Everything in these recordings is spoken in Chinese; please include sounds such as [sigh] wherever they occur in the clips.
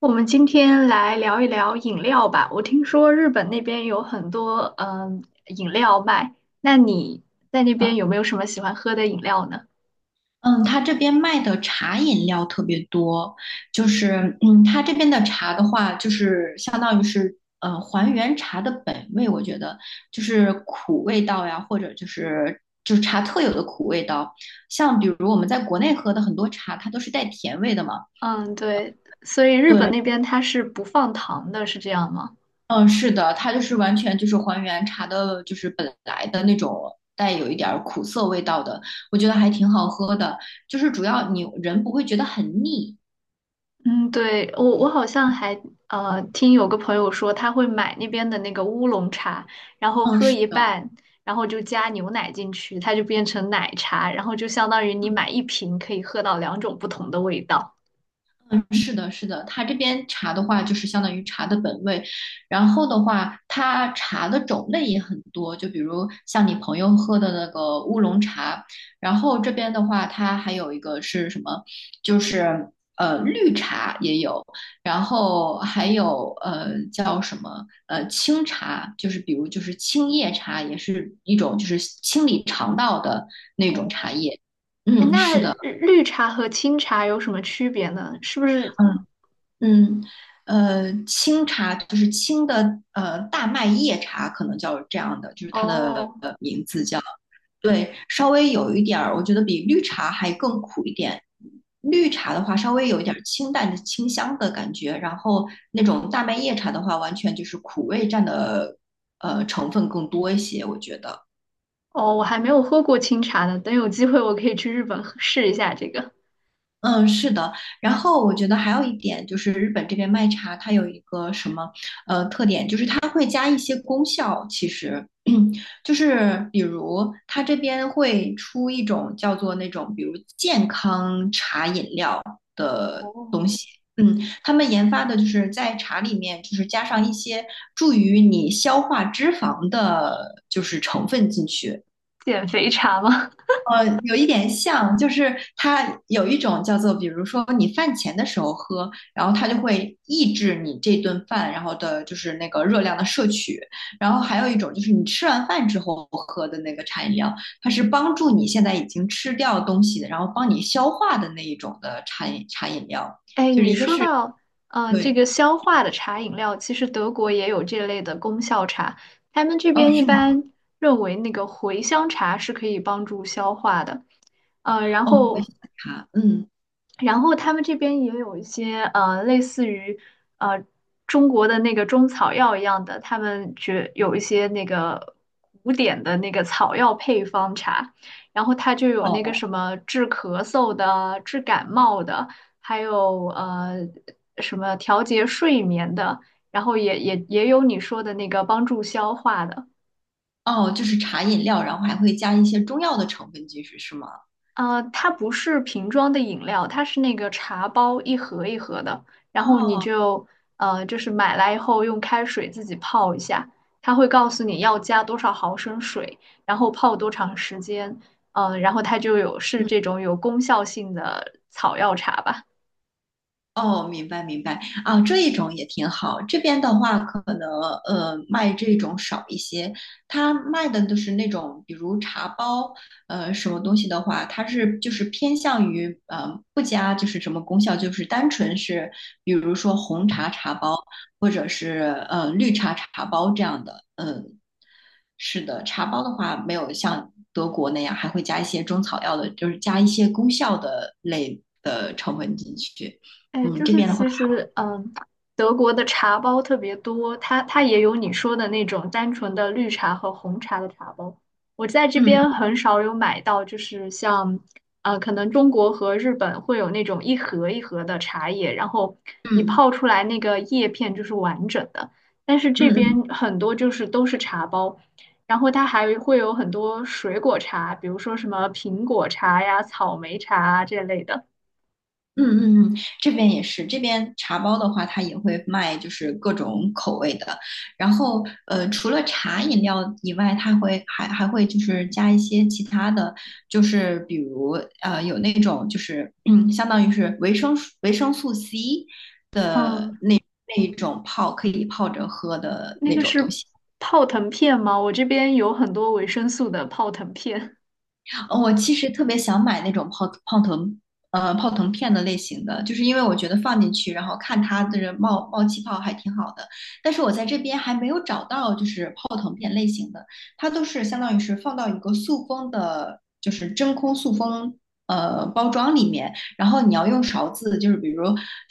我们今天来聊一聊饮料吧。我听说日本那边有很多饮料卖，那你在那边有没有什么喜欢喝的饮料呢？嗯，他这边卖的茶饮料特别多。他这边的茶的话，就是相当于是还原茶的本味。我觉得就是苦味道呀，或者就是茶特有的苦味道。像比如我们在国内喝的很多茶，它都是带甜味的嘛。嗯，对，所以日本对，那边它是不放糖的，是这样吗？嗯，是的，它就是完全就是还原茶的，就是本来的那种带有一点儿苦涩味道的。我觉得还挺好喝的，就是主要你人不会觉得很腻。嗯，对，我好像还听有个朋友说他会买那边的那个乌龙茶，然后嗯，喝是一的。半，然后就加牛奶进去，它就变成奶茶，然后就相当于你嗯，买一瓶可以喝到两种不同的味道。嗯是的，是的，它这边茶的话，就是相当于茶的本味。然后的话，它茶的种类也很多，就比如像你朋友喝的那个乌龙茶。然后这边的话，它还有一个是什么，就是绿茶也有。然后还有叫什么清茶，就是比如就是青叶茶，也是一种就是清理肠道的那种茶叶。哎，嗯，那是的。绿茶和清茶有什么区别呢？是不是？嗯。嗯，清茶就是清的，大麦叶茶可能叫这样的，就是它的哦名字叫，对，稍微有一点儿，我觉得比绿茶还更苦一点。绿茶的话，稍微有一点儿清淡的清香的感觉。然后那种大麦叶茶的话，完全就是苦味占的成分更多一些，我觉得。哦，我还没有喝过清茶呢，等有机会我可以去日本喝试一下这个。嗯，是的。然后我觉得还有一点就是日本这边卖茶，它有一个什么它会加一些功效，其实 [clears throat] 就是比如它这边会出一种叫做那种比如健康茶饮料。哦，嗯，他们研发的就是在茶里面就是加上一些助于你消化脂肪的，就是成分进去。[laughs] 减肥茶吗？有一点像，就是它有一种叫做，比如说你饭前的时候喝，然后它就会抑制你这顿饭，然后的就是那个热量的摄取。然后还有一种就是你吃完饭之后喝的那个茶饮料，它是帮助你现在已经吃掉东西的，然后帮你消化的那一种的茶饮料，[laughs] 哎，就是你一个说是到这对。个消化的茶饮料，其实德国也有这类的功效茶，他们这哦，边一是吗？般认为那个茴香茶是可以帮助消化的，然哦，我也后想查。嗯，然后他们这边也有一些类似于呃中国的那个中草药一样的，他们觉有一些那个古典的那个草药配方茶，然后它就有那个哦什么治咳嗽的、治感冒的，还有什么调节睡眠的，然后也有你说的那个帮助消化的。哦，就是茶饮料，然后还会加一些中药的成分进去，是吗？呃，它不是瓶装的饮料，它是那个茶包一盒一盒的，然后你哦。就就是买来以后用开水自己泡一下，它会告诉你要加多少毫升水，然后泡多长时间，呃，然后它就有是嗯。这种有功效性的草药茶吧。哦，明白明白啊，这一种也挺好。这边的话，可能卖这种少一些。他卖的都是那种，比如茶包。什么东西的话，它是就是偏向于不加就是什么功效，就是单纯是比如说红茶茶包，或者是绿茶茶包这样的。嗯、是的，茶包的话没有像德国那样还会加一些中草药的，就是加一些功效的类的成分进去。哎，嗯，就这是边的话，其实，嗯，德国的茶包特别多，它也有你说的那种单纯的绿茶和红茶的茶包。我在这边嗯很少有买到，就是像，呃，可能中国和日本会有那种一盒一盒的茶叶，然后你嗯泡出来那个叶片就是完整的。但是嗯这边嗯很多就是都是茶包，然后它还会有很多水果茶，比如说什么苹果茶呀、草莓茶啊这类的。嗯，这边也是，这边茶包的话，它也会卖，就是各种口味的。然后，除了茶饮料以外，它会还会就是加一些其他的，就是比如有那种就是嗯，相当于是维生素 C 的嗯，那一种泡可以泡着喝的那那个种东是西。泡腾片吗？我这边有很多维生素的泡腾片，哦我其实特别想买那种泡腾，泡腾片的类型的，就是因为我觉得放进去，然后看它就是冒气泡还挺好的。但是我在这边还没有找到就是泡腾片类型的。它都是相当于是放到一个塑封的，就是真空塑封。包装里面，然后你要用勺子，就是比如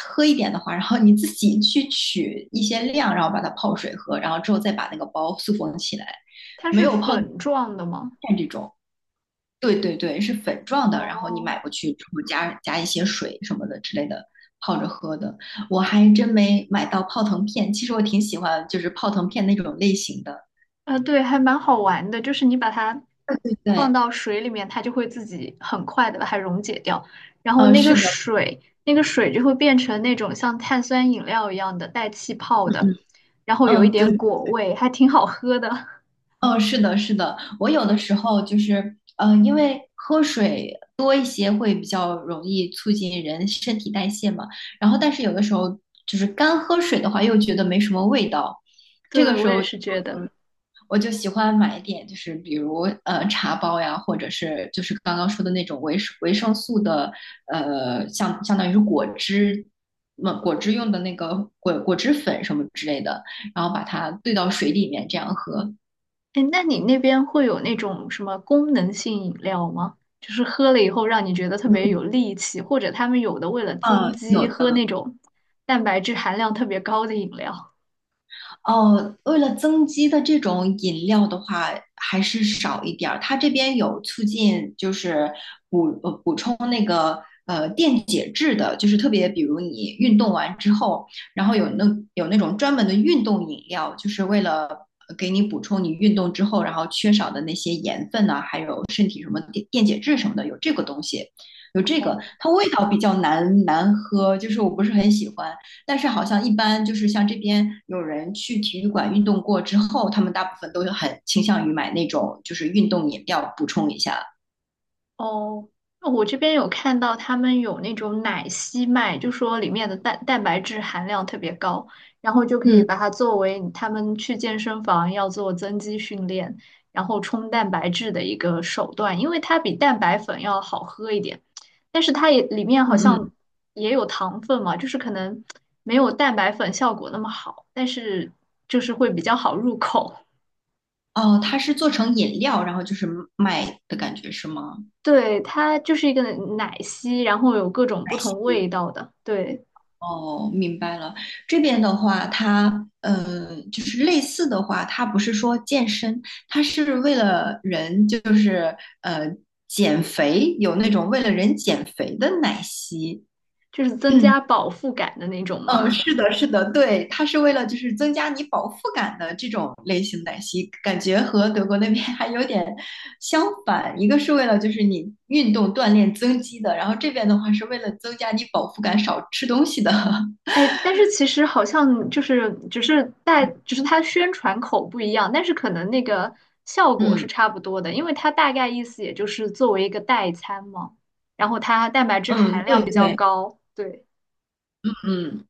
喝一点的话，然后你自己去取一些量，然后把它泡水喝，然后之后再把那个包塑封起来。它没是有泡。粉状的吗？种。对对对，是粉状的，然后你哦，买过去之后加一些水什么的之类的，泡着喝的。我还真没买到泡腾片，其实我挺喜欢就是泡腾片那种类型的。啊，对，还蛮好玩的，就是你把它对放到水里面，它就会自己很快的把它溶解掉，然后嗯，那个是的，水，那个水就会变成那种像碳酸饮料一样的带气泡嗯的，嗯然后有一嗯，对，点果味，还挺好喝的。[laughs] 嗯，是的，是的。我有的时候就是，因为喝水多一些会比较容易促进人身体代谢嘛。然后但是有的时候就是干喝水的话又觉得没什么味道，这对，个我时也候。是觉得。我就喜欢买一点，就是比如茶包呀，或者是就是刚刚说的那种维生素的，相当于是果汁，那果汁用的那个果汁粉什么之类的，然后把它兑到水里面这样喝。哎，那你那边会有那种什么功能性饮料吗？就是喝了以后让你觉得特别嗯有力气，或者他们有的为了增嗯，有肌喝那的。种蛋白质含量特别高的饮料。哦，为了增肌的这种饮料的话，还是少一点儿。它这边有促进，就是补充那个电解质的，就是特别比如你运动完之后，然后有那种专门的运动饮料，就是为了给你补充你运动之后然后缺少的那些盐分呐、还有身体什么电解质什么的，有这个东西，有这个。它味道比较难喝，就是我不是很喜欢。但是好像一般就是像这边有人去体育馆运动过之后，他们大部分都很倾向于买那种就是运动饮料补充一下。哦，那我这边有看到他们有那种奶昔卖，就说里面的蛋白质含量特别高，然后就可以嗯把它作为他们去健身房要做增肌训练，然后冲蛋白质的一个手段，因为它比蛋白粉要好喝一点，但是它也里面嗯好像嗯，也有糖分嘛，就是可能没有蛋白粉效果那么好，但是就是会比较好入口。[laughs] 哦，它是做成饮料，然后就是卖的感觉是吗？对，它就是一个奶昔，然后有各种奶不同昔。味道的，对。哦，明白了。这边的话，它就是类似的话，它不是说健身，它是为了人就是呃减肥，有那种为了人减肥的奶昔。就是增加 [clears throat] 饱腹感的那种嗯，吗？是的，是的，对，它是为了就是增加你饱腹感的这种类型奶昔，感觉和德国那边还有点相反。一个是为了就是你运动锻炼增肌的，然后这边的话是为了增加你饱腹感，少吃东西的。[laughs] [laughs] 哎，但是其实好像就是只是代，只是它宣传口不一样，但是可能那个效果是嗯差不多的，因为它大概意思也就是作为一个代餐嘛，然后它蛋白质嗯，含对量比较对，高，对，嗯。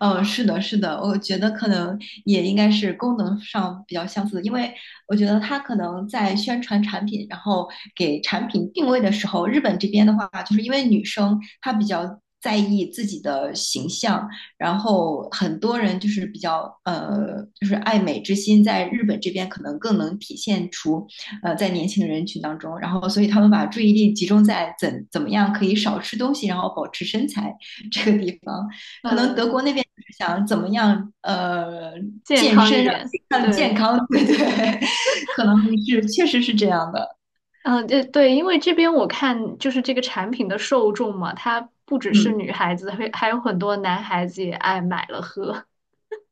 嗯，是的，是的，我觉得可能也应该是功能上比较相似的。因为我觉得它可能在宣传产品，然后给产品定位的时候，日本这边的话，就是因为女生她比较在意自己的形象，然后很多人就是比较就是爱美之心，在日本这边可能更能体现出在年轻人群当中，然后所以他们把注意力集中在怎么样可以少吃东西，然后保持身材这个地方。可能德嗯，国那边就是想怎么样，健健康一身让自点，己更健对，康，[laughs] 对对，[laughs] 可能是确实是这样的。嗯，对对，因为这边我看就是这个产品的受众嘛，它不只是嗯，女孩子，会还有很多男孩子也爱买了喝，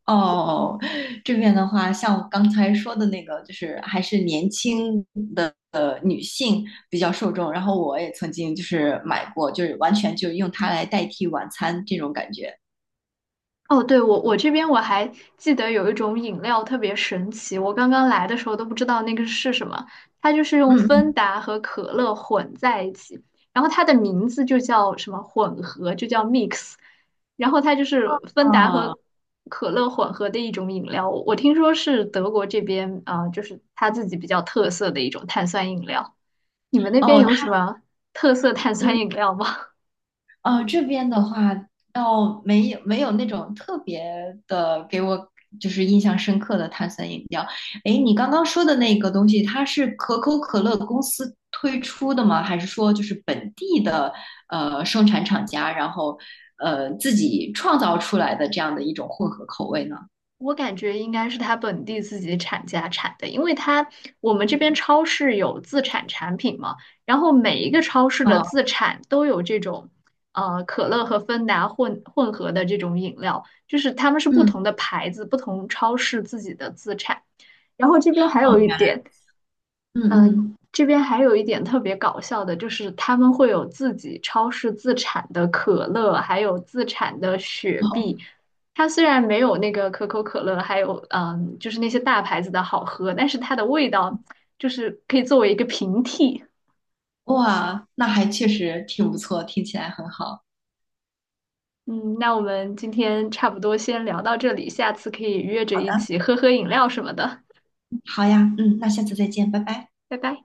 哦，这边的话，像我刚才说的那个，就是还是年轻的女性比较受众。然后我也曾经就是买过，就是完全就用它来代替晚餐这种感觉。哦，对，我这边我还记得有一种饮料特别神奇，我刚刚来的时候都不知道那个是什么，它就是用嗯芬嗯，达和可乐混在一起，然后它的名字就叫什么混合，就叫 mix,然后它就是芬达哦和可乐混合的一种饮料，我听说是德国这边啊，就是它自己比较特色的一种碳酸饮料。你们那边哦，有它什么特色碳酸嗯。饮料吗？这边的话倒没有那种特别的给我就是印象深刻的碳酸饮料。诶，你刚刚说的那个东西，它是可口可乐公司推出的吗？还是说就是本地的生产厂家，然后自己创造出来的这样的一种混合口味呢？我感觉应该是他本地自己产家产的，因为他我们这边超市有自产产品嘛，然后每一个超市的哦，自产都有这种，呃，可乐和芬达混合的这种饮料，就是他们是不嗯同的牌子、不同超市自己的自产。然后这边还哦，有一原来，点，嗯嗯，这边还有一点特别搞笑的，就是他们会有自己超市自产的可乐，还有自产的雪好，碧。它虽然没有那个可口可乐，还有就是那些大牌子的好喝，但是它的味道就是可以作为一个平替。哇，那还确实挺不错，听起来很好。嗯，那我们今天差不多先聊到这里，下次可以约着一起喝喝饮料什么的。好呀，嗯，那下次再见，拜拜。拜拜。